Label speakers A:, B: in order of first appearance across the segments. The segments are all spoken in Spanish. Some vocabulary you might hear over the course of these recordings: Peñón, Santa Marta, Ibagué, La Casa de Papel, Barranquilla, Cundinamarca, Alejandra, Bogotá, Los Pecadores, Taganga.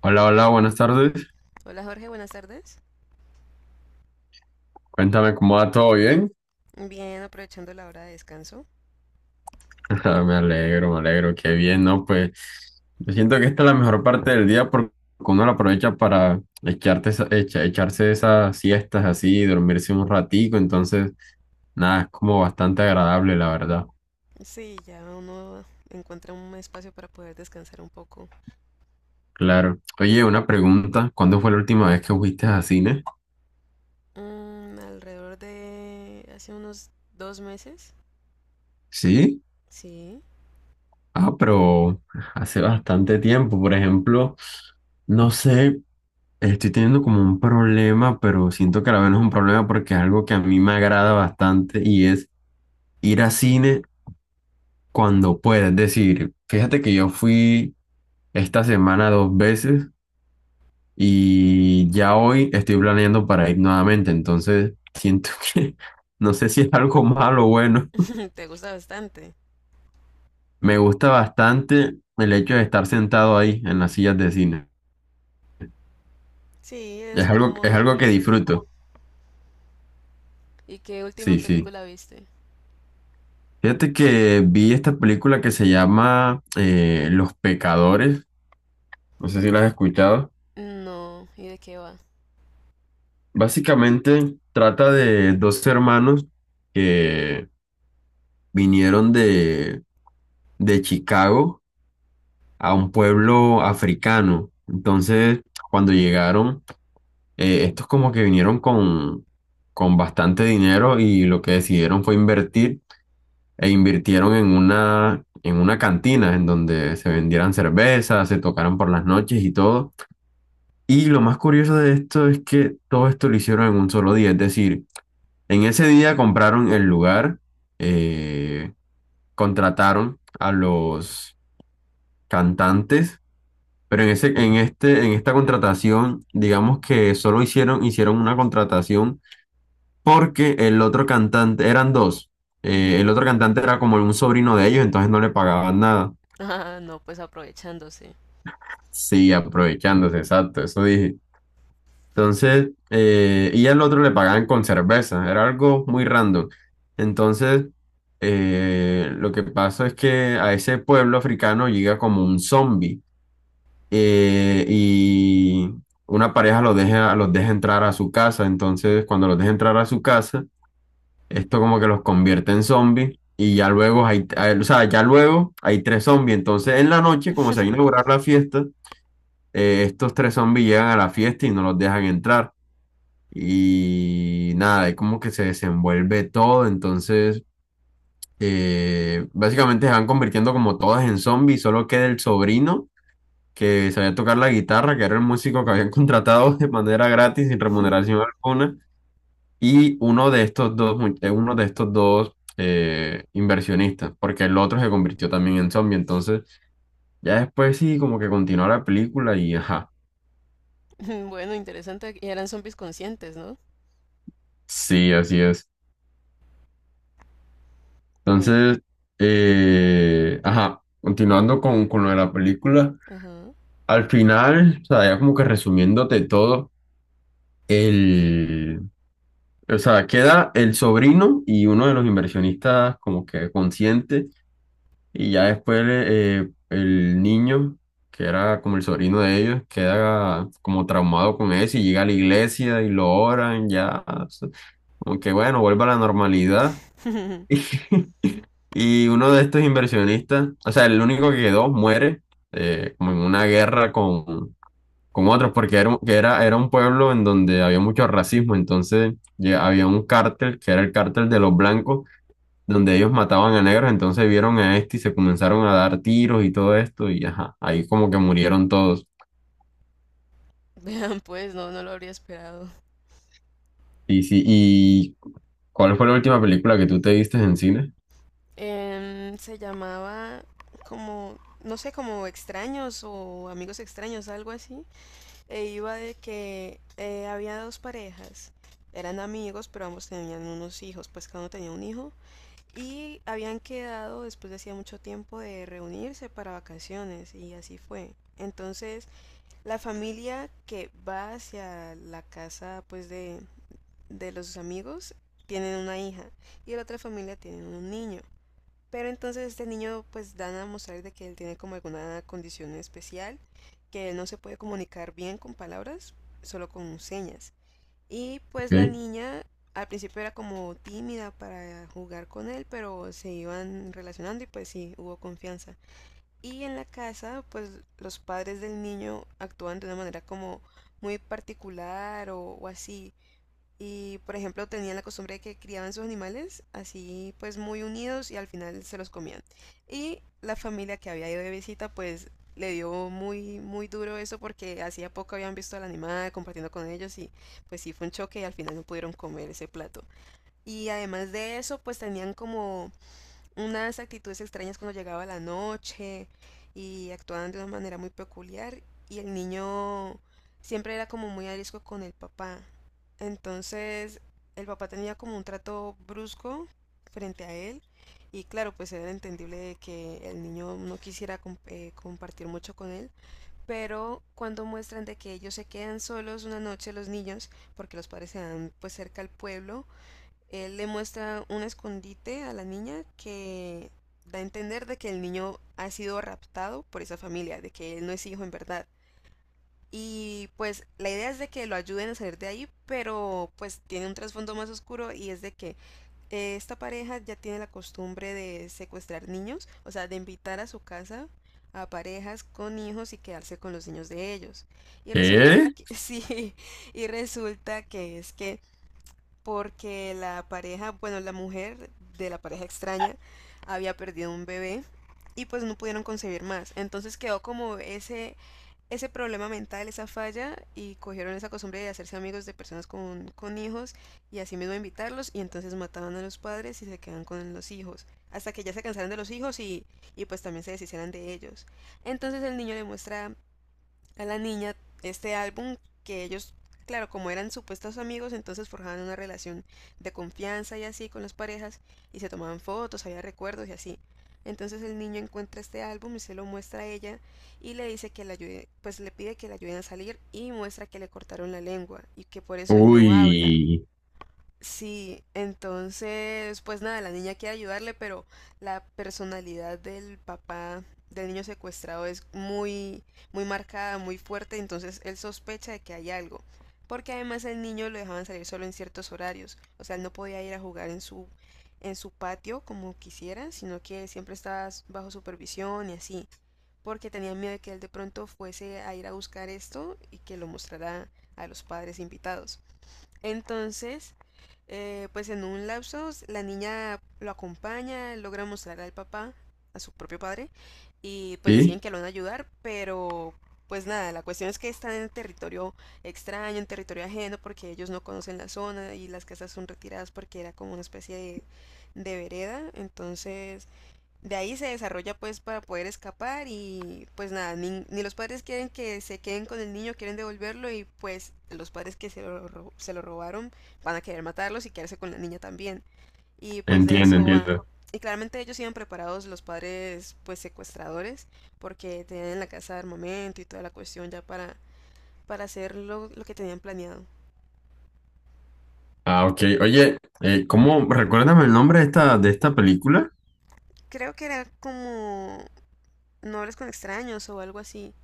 A: Hola, hola, buenas tardes.
B: Hola Jorge, buenas tardes.
A: Cuéntame cómo va todo bien.
B: Bien, aprovechando la hora de descanso.
A: Ah, me alegro, me alegro, qué bien, ¿no? Pues yo siento que esta es la mejor parte del día porque uno la aprovecha para echarte echarse esas siestas así, dormirse un ratico, entonces, nada, es como bastante agradable, la verdad.
B: Sí, ya uno encuentra un espacio para poder descansar un poco.
A: Claro. Oye, una pregunta, ¿cuándo fue la última vez que fuiste a cine?
B: Mm, alrededor de hace unos dos meses.
A: Sí.
B: Sí,
A: Ah, pero hace bastante tiempo, por ejemplo, no sé. Estoy teniendo como un problema, pero siento que a la vez no es un problema porque es algo que a mí me agrada bastante y es ir a cine cuando pueda. Es decir, fíjate que yo fui esta semana dos veces y ya hoy estoy planeando para ir nuevamente. Entonces siento que no sé si es algo malo o bueno.
B: te gusta bastante.
A: Me gusta bastante el hecho de estar sentado ahí en las sillas de cine.
B: Sí, es
A: Es algo
B: cómodo.
A: que disfruto.
B: ¿Y qué última
A: Sí, sí.
B: película viste?
A: Fíjate que vi esta película que se llama Los Pecadores, no sé si la has escuchado.
B: No, ¿y de qué va?
A: Básicamente trata de dos hermanos que vinieron de Chicago a un pueblo africano. Entonces, cuando llegaron, estos como que vinieron con bastante dinero y lo que decidieron fue invertir e invirtieron en en una cantina en donde se vendieran cervezas, se tocaran por las noches y todo. Y lo más curioso de esto es que todo esto lo hicieron en un solo día, es decir, en ese día compraron el lugar, eh, contrataron a los cantantes, pero en en esta contratación, digamos que solo hicieron una contratación porque el otro cantante, eran dos, el
B: Ujú.
A: otro cantante era como un sobrino de ellos, entonces no le pagaban nada.
B: Ah, no, pues aprovechándose.
A: Sí, aprovechándose, exacto, eso dije. Entonces, y al otro le pagaban con cerveza, era algo muy random. Entonces, lo que pasa es que a ese pueblo africano llega como un zombie y una pareja los deja entrar a su casa. Entonces, cuando los deja entrar a su casa, esto como que los convierte en zombies y ya luego o sea, ya luego hay tres zombies. Entonces, en la noche, como se va a inaugurar la fiesta, estos tres zombies llegan a la fiesta y no los dejan entrar y nada, ahí como que se desenvuelve todo, entonces básicamente se van convirtiendo como todas en zombies, solo queda el sobrino que sabía tocar la guitarra, que era el músico que habían contratado de manera gratis, sin remuneración alguna, y uno de estos dos, uno de estos dos inversionistas, porque el otro se convirtió también en zombie, entonces ya después sí, como que continúa la película y ajá.
B: Bueno, interesante. Y eran zombies conscientes, ¿no?
A: Sí, así es.
B: Bueno,
A: Entonces, ajá, continuando con lo de la película,
B: ajá.
A: al final, o sea, ya como que resumiéndote todo, el, o sea, queda el sobrino y uno de los inversionistas como que consciente, y ya después el niño, que era como el sobrino de ellos, queda como traumado con eso y llega a la iglesia y lo oran, ya, o sea, como que bueno, vuelve a la normalidad. Y uno de estos inversionistas, o sea, el único que quedó, muere como en una guerra con otros, porque era un pueblo en donde había mucho racismo, entonces ya había un cártel, que era el cártel de los blancos, donde ellos mataban a negros, entonces vieron a este y se comenzaron a dar tiros y todo esto, y ajá, ahí como que murieron todos.
B: Vean, pues no, no lo habría esperado.
A: Y sí, ¿y cuál fue la última película que tú te viste en cine?
B: Se llamaba como, no sé, como extraños o amigos extraños, algo así. E iba de que había dos parejas. Eran amigos, pero ambos tenían unos hijos, pues cada uno tenía un hijo. Y habían quedado después de hacía mucho tiempo de reunirse para vacaciones y así fue. Entonces, la familia que va hacia la casa pues de los amigos tienen una hija y la otra familia tienen un niño. Pero entonces este niño pues dan a mostrar de que él tiene como alguna condición especial, que él no se puede comunicar bien con palabras, solo con señas. Y pues la
A: Ok.
B: niña al principio era como tímida para jugar con él, pero se iban relacionando y pues sí, hubo confianza. Y en la casa, pues los padres del niño actúan de una manera como muy particular o así. Y, por ejemplo, tenían la costumbre de que criaban sus animales así, pues muy unidos y al final se los comían. Y la familia que había ido de visita, pues le dio muy, muy duro eso porque hacía poco habían visto al animal compartiendo con ellos y pues sí fue un choque y al final no pudieron comer ese plato. Y además de eso, pues tenían como unas actitudes extrañas cuando llegaba la noche y actuaban de una manera muy peculiar y el niño siempre era como muy arisco con el papá. Entonces el papá tenía como un trato brusco frente a él y claro, pues era entendible de que el niño no quisiera compartir mucho con él, pero cuando muestran de que ellos se quedan solos una noche los niños, porque los padres se van pues cerca al pueblo él le muestra un escondite a la niña que da a entender de que el niño ha sido raptado por esa familia, de que él no es hijo en verdad. Y pues la idea es de que lo ayuden a salir de ahí, pero pues tiene un trasfondo más oscuro y es de que esta pareja ya tiene la costumbre de secuestrar niños, o sea, de invitar a su casa a parejas con hijos y quedarse con los niños de ellos. Y resulta
A: ¿Qué?
B: que sí, y resulta que es que porque la pareja, bueno, la mujer de la pareja extraña había perdido un bebé y pues no pudieron concebir más. Entonces quedó como ese problema mental, esa falla y cogieron esa costumbre de hacerse amigos de personas con hijos y así mismo invitarlos y entonces mataban a los padres y se quedan con los hijos. Hasta que ya se cansaron de los hijos y pues también se deshicieran de ellos. Entonces el niño le muestra a la niña este álbum que ellos, claro, como eran supuestos amigos, entonces forjaban una relación de confianza y así con las parejas y se tomaban fotos, había recuerdos y así. Entonces el niño encuentra este álbum y se lo muestra a ella y le dice que le ayude, pues le pide que le ayuden a salir y muestra que le cortaron la lengua y que por eso él no habla.
A: Uy,
B: Sí, entonces, pues nada, la niña quiere ayudarle, pero la personalidad del papá del niño secuestrado es muy, muy marcada, muy fuerte, entonces él sospecha de que hay algo, porque además el niño lo dejaban salir solo en ciertos horarios, o sea, él no podía ir a jugar en su patio como quisiera, sino que siempre estaba bajo supervisión y así, porque tenía miedo de que él de pronto fuese a ir a buscar esto y que lo mostrara a los padres invitados. Entonces, pues en un lapso, la niña lo acompaña, logra mostrar al papá, a su propio padre, y pues deciden
A: sí,
B: que lo van a ayudar, pero pues nada, la cuestión es que están en territorio extraño, en territorio ajeno, porque ellos no conocen la zona y las casas son retiradas porque era como una especie de vereda, entonces de ahí se desarrolla pues para poder escapar y pues nada, ni los padres quieren que se queden con el niño, quieren devolverlo y pues los padres que se lo, se lo robaron van a querer matarlos y quedarse con la niña también. Y pues de
A: entiendo,
B: eso va.
A: entiendo.
B: Y claramente ellos iban preparados los padres pues secuestradores porque tenían en la casa armamento y toda la cuestión ya para hacer lo que tenían planeado.
A: Ah, ok. Oye, ¿cómo? Recuérdame el nombre de de esta película.
B: Creo que era como no hables con extraños o algo así.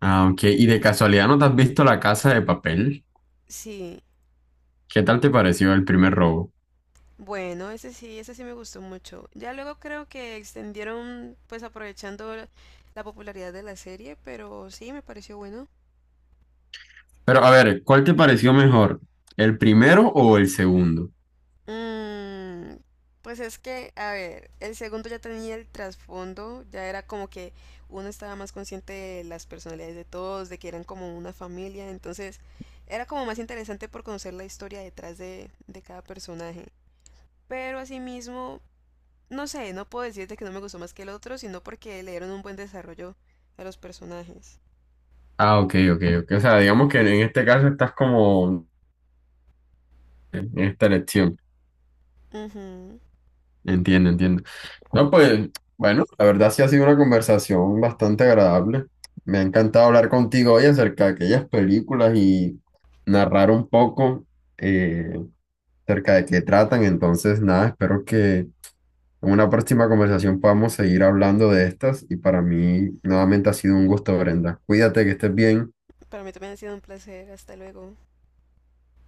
A: Ah, ok. ¿Y de casualidad no te has visto La Casa de Papel?
B: Sí,
A: ¿Qué tal te pareció el primer robo?
B: bueno, ese sí me gustó mucho. Ya luego creo que extendieron, pues aprovechando la la popularidad de la serie, pero sí, me pareció bueno.
A: Pero a ver, ¿cuál te pareció mejor? ¿El primero o el segundo?
B: Mm, pues es que, a ver, el segundo ya tenía el trasfondo, ya era como que uno estaba más consciente de las personalidades de todos, de que eran como una familia, entonces era como más interesante por conocer la historia detrás de cada personaje. Pero asimismo, no sé, no puedo decirte que no me gustó más que el otro, sino porque le dieron un buen desarrollo a los personajes.
A: Ah, ok, ok, ok. O sea, digamos que en este caso estás como en esta elección.
B: Ujú.
A: Entiendo, entiendo. No, pues, bueno, la verdad sí ha sido una conversación bastante agradable. Me ha encantado hablar contigo hoy acerca de aquellas películas y narrar un poco. eh, Acerca de qué tratan. Entonces, nada, espero que en una próxima conversación podamos seguir hablando de estas. Y para mí, nuevamente ha sido un gusto, Brenda. Cuídate, que estés bien.
B: Para mí también ha sido un placer. Hasta luego.